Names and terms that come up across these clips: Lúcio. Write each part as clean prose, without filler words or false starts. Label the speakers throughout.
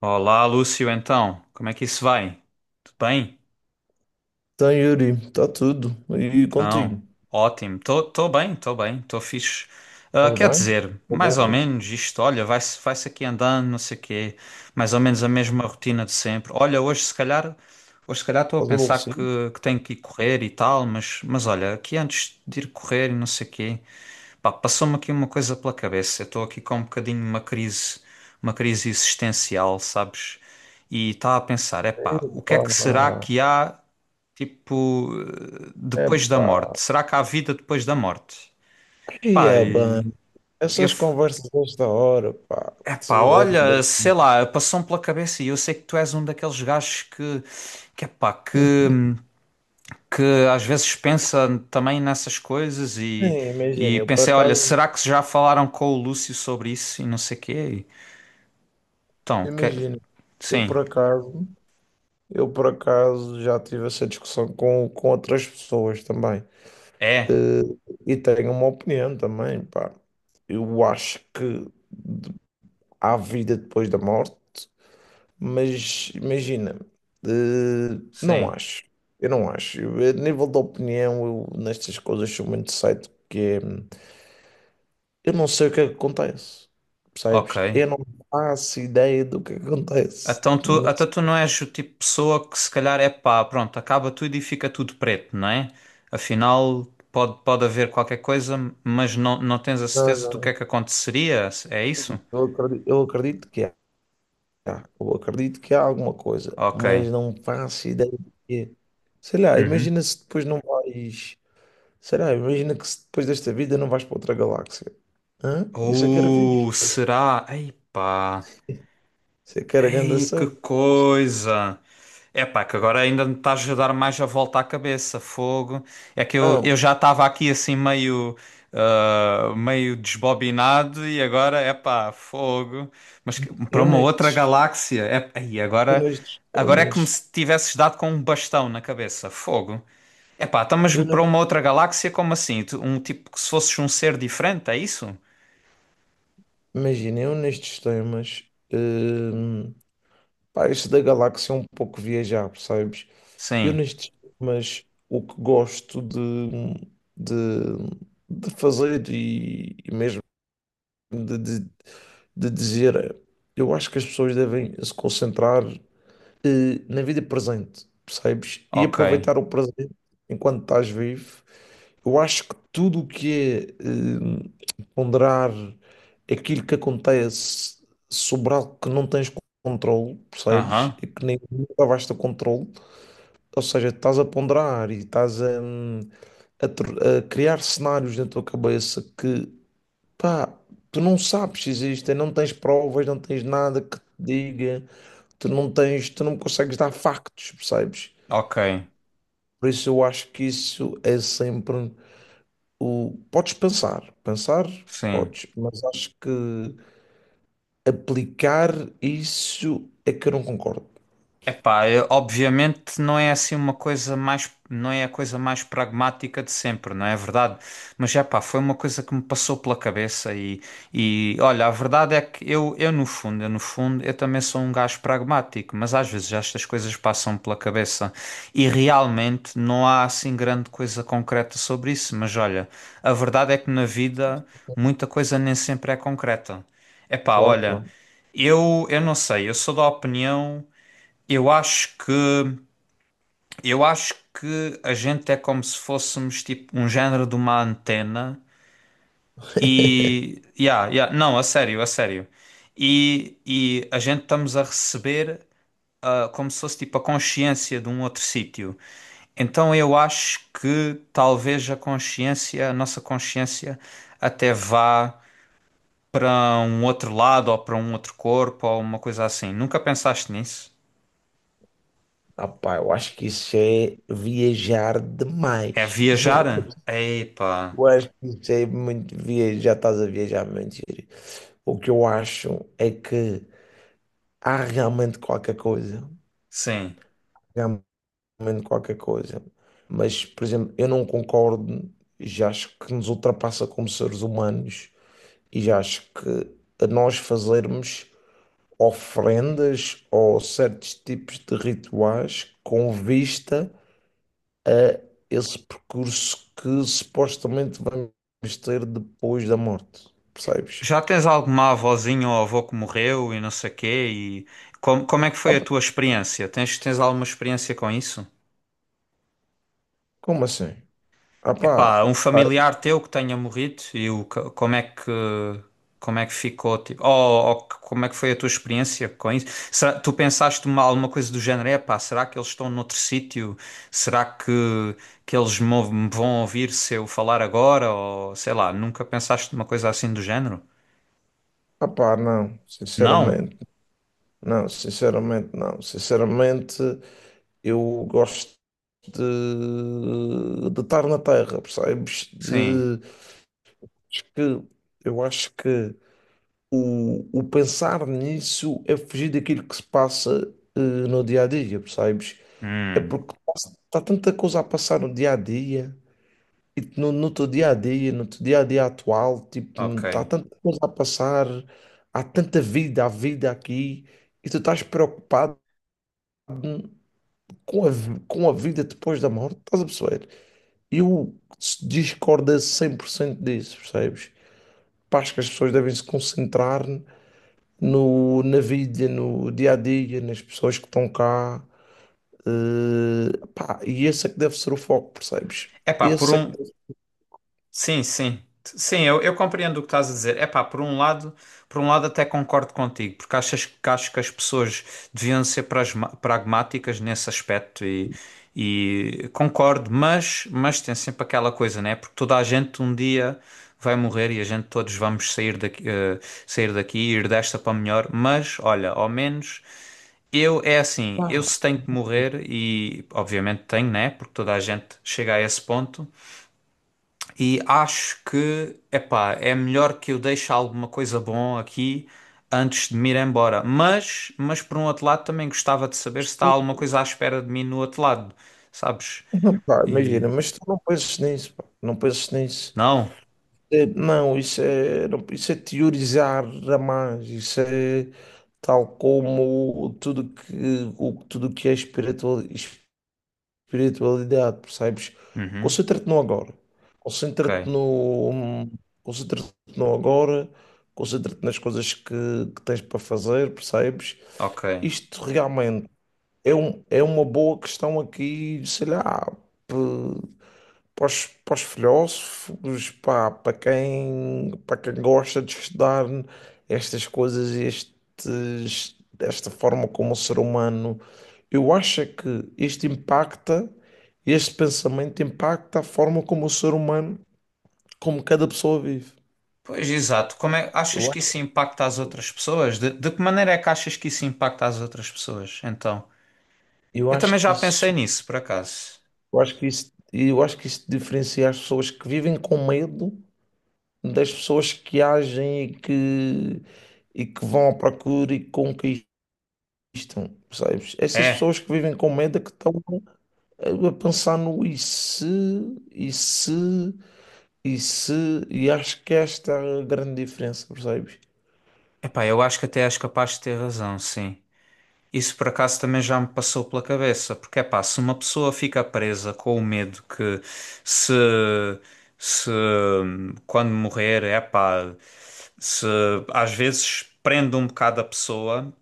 Speaker 1: Olá, Lúcio, então, como é que isso vai? Tudo bem?
Speaker 2: Então, Yuri, está tudo. E
Speaker 1: Então,
Speaker 2: contigo?
Speaker 1: ótimo. Tô bem, tô fixe. Ah,
Speaker 2: Faz
Speaker 1: quer
Speaker 2: bem?
Speaker 1: dizer,
Speaker 2: Tá
Speaker 1: mais ou
Speaker 2: bom.
Speaker 1: menos isto, olha, vai-se aqui andando, não sei o quê, mais ou menos a mesma rotina de sempre. Olha, hoje se calhar estou a
Speaker 2: Estás
Speaker 1: pensar
Speaker 2: aborrecido?
Speaker 1: que tenho que ir correr e tal, mas olha, aqui antes de ir correr e não sei o quê, pá, passou-me aqui uma coisa pela cabeça. Eu estou aqui com um bocadinho uma crise existencial, sabes? E estava a pensar, epá, o que
Speaker 2: Epá,
Speaker 1: é que será que há, tipo, depois da
Speaker 2: epá.
Speaker 1: morte? Será que há vida depois da morte?
Speaker 2: E
Speaker 1: Pá,
Speaker 2: é bem.
Speaker 1: e eu,
Speaker 2: Essas
Speaker 1: f-
Speaker 2: conversas desta hora, pá. Se
Speaker 1: epá, olha,
Speaker 2: andei.
Speaker 1: sei lá, passou-me pela cabeça e eu sei que tu és um daqueles gajos que epá, hum, que às vezes pensa também nessas coisas
Speaker 2: Nem Imagina,
Speaker 1: e
Speaker 2: eu por
Speaker 1: pensei, olha,
Speaker 2: acaso.
Speaker 1: será que já falaram com o Lúcio sobre isso e não sei quê? Então, que-
Speaker 2: Imagina, eu
Speaker 1: sim,
Speaker 2: por acaso. Eu por acaso já tive essa discussão com outras pessoas também.
Speaker 1: é,
Speaker 2: Eh, E tenho uma opinião também, pá. Eu acho que há vida depois da morte. Mas imagina, não
Speaker 1: sim,
Speaker 2: acho. Eu não acho. Eu, a nível de opinião, eu, nestas coisas sou muito cedo, porque eu não sei o que é que acontece.
Speaker 1: ok.
Speaker 2: Percebes? Eu não faço ideia do que é que acontece.
Speaker 1: Então tu,
Speaker 2: Não
Speaker 1: até tu
Speaker 2: sei,
Speaker 1: não és o tipo de pessoa que se calhar é pá, pronto, acaba tudo e fica tudo preto, não é? Afinal, pode haver qualquer coisa, mas não tens a
Speaker 2: não,
Speaker 1: certeza do que
Speaker 2: não.
Speaker 1: é que aconteceria, é isso?
Speaker 2: Eu acredito que há. Eu acredito que há alguma coisa,
Speaker 1: Ok.
Speaker 2: mas não faço ideia do que é. Sei lá,
Speaker 1: Uhum.
Speaker 2: imagina se depois não vais. Sei lá, imagina que se depois desta vida não vais para outra galáxia. Hã? Isso é que era fixe.
Speaker 1: Ou será? Ei pá.
Speaker 2: Você quer a grande
Speaker 1: Ei, que
Speaker 2: cena?
Speaker 1: coisa! É pá, que agora ainda me estás a dar mais a volta à cabeça, fogo. É que eu
Speaker 2: Não,
Speaker 1: já estava aqui assim meio, ah, meio desbobinado e agora é pá, fogo. Para
Speaker 2: eu
Speaker 1: uma outra
Speaker 2: nestes,
Speaker 1: galáxia, é, aí
Speaker 2: eu
Speaker 1: agora,
Speaker 2: nestes
Speaker 1: agora é como
Speaker 2: temas,
Speaker 1: se tivesses dado com um bastão na cabeça, fogo. É pá, então, mas
Speaker 2: eu
Speaker 1: para
Speaker 2: nes-
Speaker 1: uma outra galáxia, como assim? Um tipo que se fosses um ser diferente, é isso?
Speaker 2: imagina, eu nestes temas, hum, pá, este da galáxia é um pouco viajar, percebes? Eu
Speaker 1: Sim,
Speaker 2: nestes temas, o que gosto de, de fazer e mesmo de, de, de dizer, é, eu acho que as pessoas devem se concentrar na vida presente, percebes? E
Speaker 1: ok.
Speaker 2: aproveitar o presente enquanto estás vivo. Eu acho que tudo o que é ponderar aquilo que acontece sobre algo que não tens controle, percebes?
Speaker 1: Aham,
Speaker 2: E que nem nunca vais ter controle. Ou seja, estás a ponderar e estás a a criar cenários na tua cabeça que, pá, tu não sabes se existem, não tens provas, não tens nada que te diga. Tu não tens, tu não consegues dar factos, percebes?
Speaker 1: ok,
Speaker 2: Por isso eu acho que isso é sempre o. Podes pensar, pensar,
Speaker 1: sim.
Speaker 2: podes, mas acho que aplicar isso é que eu não concordo.
Speaker 1: Epá, obviamente não é assim uma coisa mais, não é a coisa mais pragmática de sempre, não é verdade? Mas é pá, foi uma coisa que me passou pela cabeça e olha, a verdade é que eu no fundo, eu no fundo, eu também sou um gajo pragmático, mas às vezes estas coisas passam pela cabeça e realmente não há assim grande coisa concreta sobre isso, mas olha, a verdade é que na vida muita coisa nem sempre é concreta. Epá,
Speaker 2: Claro,
Speaker 1: olha,
Speaker 2: claro.
Speaker 1: eu não sei, eu sou da opinião eu acho que eu acho que a gente é como se fôssemos tipo um género de uma antena e yeah, yeah, não, a sério, a sério. E a gente estamos a receber ah, como se fosse tipo a consciência de um outro sítio. Então eu acho que talvez a consciência, a nossa consciência até vá para um outro lado ou para um outro corpo ou uma coisa assim. Nunca pensaste nisso?
Speaker 2: Ah, pá, eu acho que isso é viajar
Speaker 1: É
Speaker 2: demais.
Speaker 1: viajar? Epá,
Speaker 2: Eu acho que isso é muito viajar, estás a viajar muito. O que eu acho é que há realmente qualquer coisa.
Speaker 1: sim.
Speaker 2: Comendo qualquer coisa. Mas, por exemplo, eu não concordo, já acho que nos ultrapassa como seres humanos e já acho que a nós fazermos ofrendas ou certos tipos de rituais com vista a esse percurso que supostamente vamos ter depois da morte, percebes?
Speaker 1: Já tens alguma avózinha ou avô que morreu e não sei quê? E como, como é que
Speaker 2: Ah,
Speaker 1: foi a tua
Speaker 2: pá,
Speaker 1: experiência? Tens, tens alguma experiência com isso?
Speaker 2: como assim? Ah pá,
Speaker 1: Epá, um
Speaker 2: ah
Speaker 1: familiar teu que tenha morrido e como é que ficou? Tipo, ou, como é que foi a tua experiência com isso? Tu pensaste uma, alguma coisa do género? Epá, será que eles estão noutro sítio? Será que eles me vão ouvir se eu falar agora? Ou sei lá, nunca pensaste uma coisa assim do género?
Speaker 2: ah pá, não,
Speaker 1: Não?
Speaker 2: sinceramente, não, sinceramente, não, sinceramente, eu gosto de estar na Terra, percebes?
Speaker 1: Sim.
Speaker 2: De, acho que, eu acho que o pensar nisso é fugir daquilo que se passa no dia a dia, percebes? É
Speaker 1: Hum,
Speaker 2: porque está tanta coisa a passar no dia a dia, e tu no teu dia a dia, no teu dia a dia atual, tipo,
Speaker 1: ok.
Speaker 2: está tanta coisa a passar, há tanta vida, há vida aqui, e tu estás preocupado com com a vida depois da morte, estás a perceber? Eu discordo 100% disso, percebes? Pá, acho que as pessoas devem se concentrar no, na vida, no dia a dia, nas pessoas que estão cá. Pá, e esse é que deve ser o foco, percebes?
Speaker 1: É pá, por
Speaker 2: Esse é
Speaker 1: um.
Speaker 2: que deve,
Speaker 1: Sim, sim. Sim, eu compreendo o que estás a dizer. É pá, por um lado até concordo contigo, porque achas que acho que as pessoas deviam ser pragmáticas nesse aspecto e concordo, mas tem sempre aquela coisa, né? Porque toda a gente um dia vai morrer e a gente todos vamos sair daqui, sair daqui e ir desta para melhor, mas olha, ao menos eu é assim, eu
Speaker 2: pá,
Speaker 1: se tenho que morrer e obviamente tenho, né? Porque toda a gente chega a esse ponto. E acho que, epá, é melhor que eu deixe alguma coisa bom aqui antes de me ir embora. Mas por um outro lado, também gostava de saber se está alguma coisa à espera de mim no outro lado, sabes?
Speaker 2: não, pá,
Speaker 1: E
Speaker 2: imagina, mas tu não penses nisso, pá, não penses nisso.
Speaker 1: não?
Speaker 2: Não, isso é, isso é teorizar a mais, isso é tal como tudo que tudo que é espiritual, espiritualidade, percebes?
Speaker 1: Uhum.
Speaker 2: Concentra-te no agora. Concentra-te
Speaker 1: Ok,
Speaker 2: no, concentra-te no agora, concentra-te nas coisas que tens para fazer, percebes?
Speaker 1: ok.
Speaker 2: Isto realmente é uma boa questão aqui, sei lá, para para os filósofos, pá, para para quem gosta de estudar estas coisas, estes, desta forma como o ser humano, eu acho é que isto impacta, este pensamento impacta a forma como o ser humano, como cada pessoa vive.
Speaker 1: Pois exato. Como é, achas
Speaker 2: Eu
Speaker 1: que
Speaker 2: acho,
Speaker 1: isso impacta as outras pessoas? De que maneira é que achas que isso impacta as outras pessoas? Então,
Speaker 2: eu
Speaker 1: eu também
Speaker 2: acho que
Speaker 1: já pensei
Speaker 2: isso,
Speaker 1: nisso, por acaso.
Speaker 2: eu acho que isso diferencia as pessoas que vivem com medo das pessoas que agem e que vão à procura e conquistam. Existam, percebes? Essas
Speaker 1: É,
Speaker 2: pessoas que vivem com medo é que estão a pensar no e se, e se, e se, e acho que esta é a grande diferença, percebes?
Speaker 1: epá, eu acho que até és capaz de ter razão, sim. Isso por acaso também já me passou pela cabeça, porque é pá, se uma pessoa fica presa com o medo que se, se quando morrer, é pá, se às vezes prende um bocado a pessoa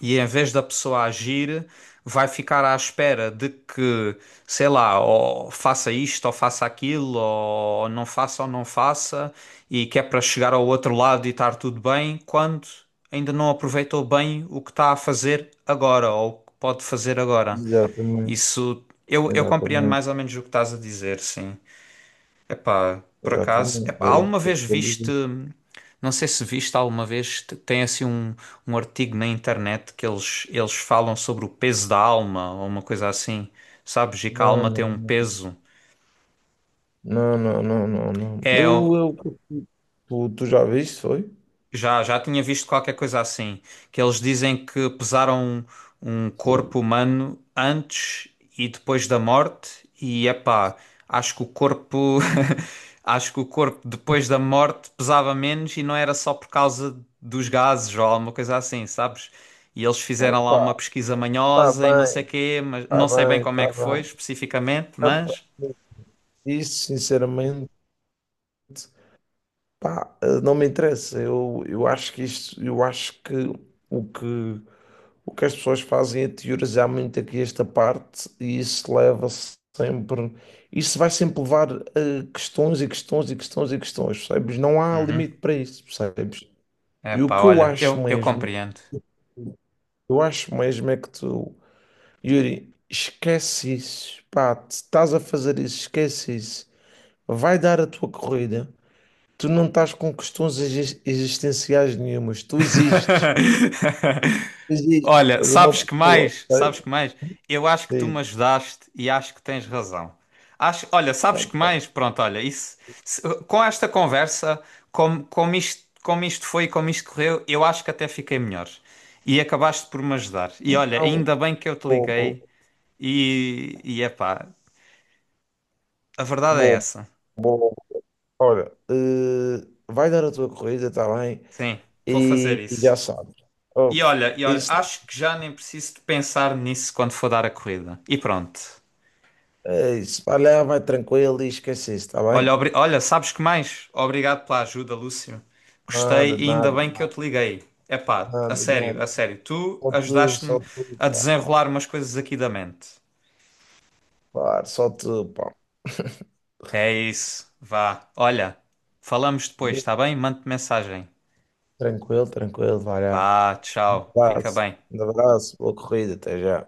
Speaker 1: e em vez da pessoa agir, vai ficar à espera de que, sei lá, ou faça isto, ou faça aquilo, ou não faça, e que é para chegar ao outro lado e estar tudo bem, quando ainda não aproveitou bem o que está a fazer agora, ou o que pode fazer agora.
Speaker 2: Exatamente,
Speaker 1: Isso, eu compreendo mais ou
Speaker 2: exatamente,
Speaker 1: menos o que estás a dizer, sim. Epá, por acaso,
Speaker 2: exatamente.
Speaker 1: epá,
Speaker 2: É isso
Speaker 1: alguma
Speaker 2: que eu
Speaker 1: vez
Speaker 2: estou a
Speaker 1: viste,
Speaker 2: dizer.
Speaker 1: não sei se viste alguma vez, tem assim um, um artigo na internet que eles falam sobre o peso da alma ou uma coisa assim, sabes? E que a
Speaker 2: Não,
Speaker 1: alma
Speaker 2: não,
Speaker 1: tem um
Speaker 2: não.
Speaker 1: peso.
Speaker 2: Não, não, não, não, não.
Speaker 1: É,
Speaker 2: Tu, tu já viste, foi?
Speaker 1: já, já tinha visto qualquer coisa assim, que eles dizem que pesaram um, um corpo humano antes e depois da morte, e epá, acho que o corpo, acho que o corpo depois da morte pesava menos e não era só por causa dos gases ou alguma coisa assim, sabes? E eles fizeram lá uma
Speaker 2: Epá,
Speaker 1: pesquisa
Speaker 2: tá
Speaker 1: manhosa e não sei
Speaker 2: bem,
Speaker 1: quê, mas
Speaker 2: tá
Speaker 1: não sei bem
Speaker 2: bem,
Speaker 1: como é que
Speaker 2: tá
Speaker 1: foi
Speaker 2: bem.
Speaker 1: especificamente,
Speaker 2: Epá,
Speaker 1: mas...
Speaker 2: isso, sinceramente. Pá, não me interessa. Eu acho que isto, eu acho que o que, o que as pessoas fazem é teorizar muito aqui esta parte e isso leva sempre, isso vai sempre levar a questões e questões e questões e questões, percebes? Não há
Speaker 1: Uhum.
Speaker 2: limite para isso, percebes? E o
Speaker 1: Epá,
Speaker 2: que
Speaker 1: olha, eu compreendo.
Speaker 2: eu acho mesmo é que tu, Yuri, esquece isso, pá, te estás a fazer isso, esquece isso. Vai dar a tua corrida. Tu não estás com questões existenciais nenhumas. Tu existes. Existes.
Speaker 1: Olha,
Speaker 2: És uma
Speaker 1: sabes que
Speaker 2: pessoa.
Speaker 1: mais?
Speaker 2: Ok?
Speaker 1: Sabes que mais? Eu acho que tu
Speaker 2: Diz.
Speaker 1: me ajudaste e acho que tens razão. Acho, olha, sabes que mais? Pronto, olha, isso, com esta conversa, como, como isto foi, e como isto correu, eu acho que até fiquei melhor. E acabaste por me ajudar. E olha,
Speaker 2: Então,
Speaker 1: ainda bem que eu te
Speaker 2: bom,
Speaker 1: liguei e epá, a verdade é
Speaker 2: bom,
Speaker 1: essa.
Speaker 2: bom, bom. Olha, vai dar a tua corrida, está bem?
Speaker 1: Sim, vou
Speaker 2: E
Speaker 1: fazer
Speaker 2: já
Speaker 1: isso.
Speaker 2: sabes. Oh,
Speaker 1: E olha,
Speaker 2: isso,
Speaker 1: acho que já nem preciso de pensar nisso quando for dar a corrida. E pronto.
Speaker 2: isso, vai lá, vai tranquilo e esquece isso, está
Speaker 1: Olha,
Speaker 2: bem?
Speaker 1: olha, sabes que mais? Obrigado pela ajuda, Lúcio. Gostei
Speaker 2: Nada,
Speaker 1: e ainda
Speaker 2: nada,
Speaker 1: bem que eu te liguei. Epá, a
Speaker 2: nada,
Speaker 1: sério,
Speaker 2: nada.
Speaker 1: a sério. Tu ajudaste-me
Speaker 2: Só tu,
Speaker 1: a
Speaker 2: pá.
Speaker 1: desenrolar umas coisas aqui da mente.
Speaker 2: Claro, só tu, pá.
Speaker 1: É isso. Vá. Olha, falamos depois, está bem? Mande mensagem.
Speaker 2: Tranquilo, tranquilo, vai lá.
Speaker 1: Vá,
Speaker 2: Um
Speaker 1: tchau. Fica
Speaker 2: abraço,
Speaker 1: bem.
Speaker 2: um abraço, boa corrida, até já.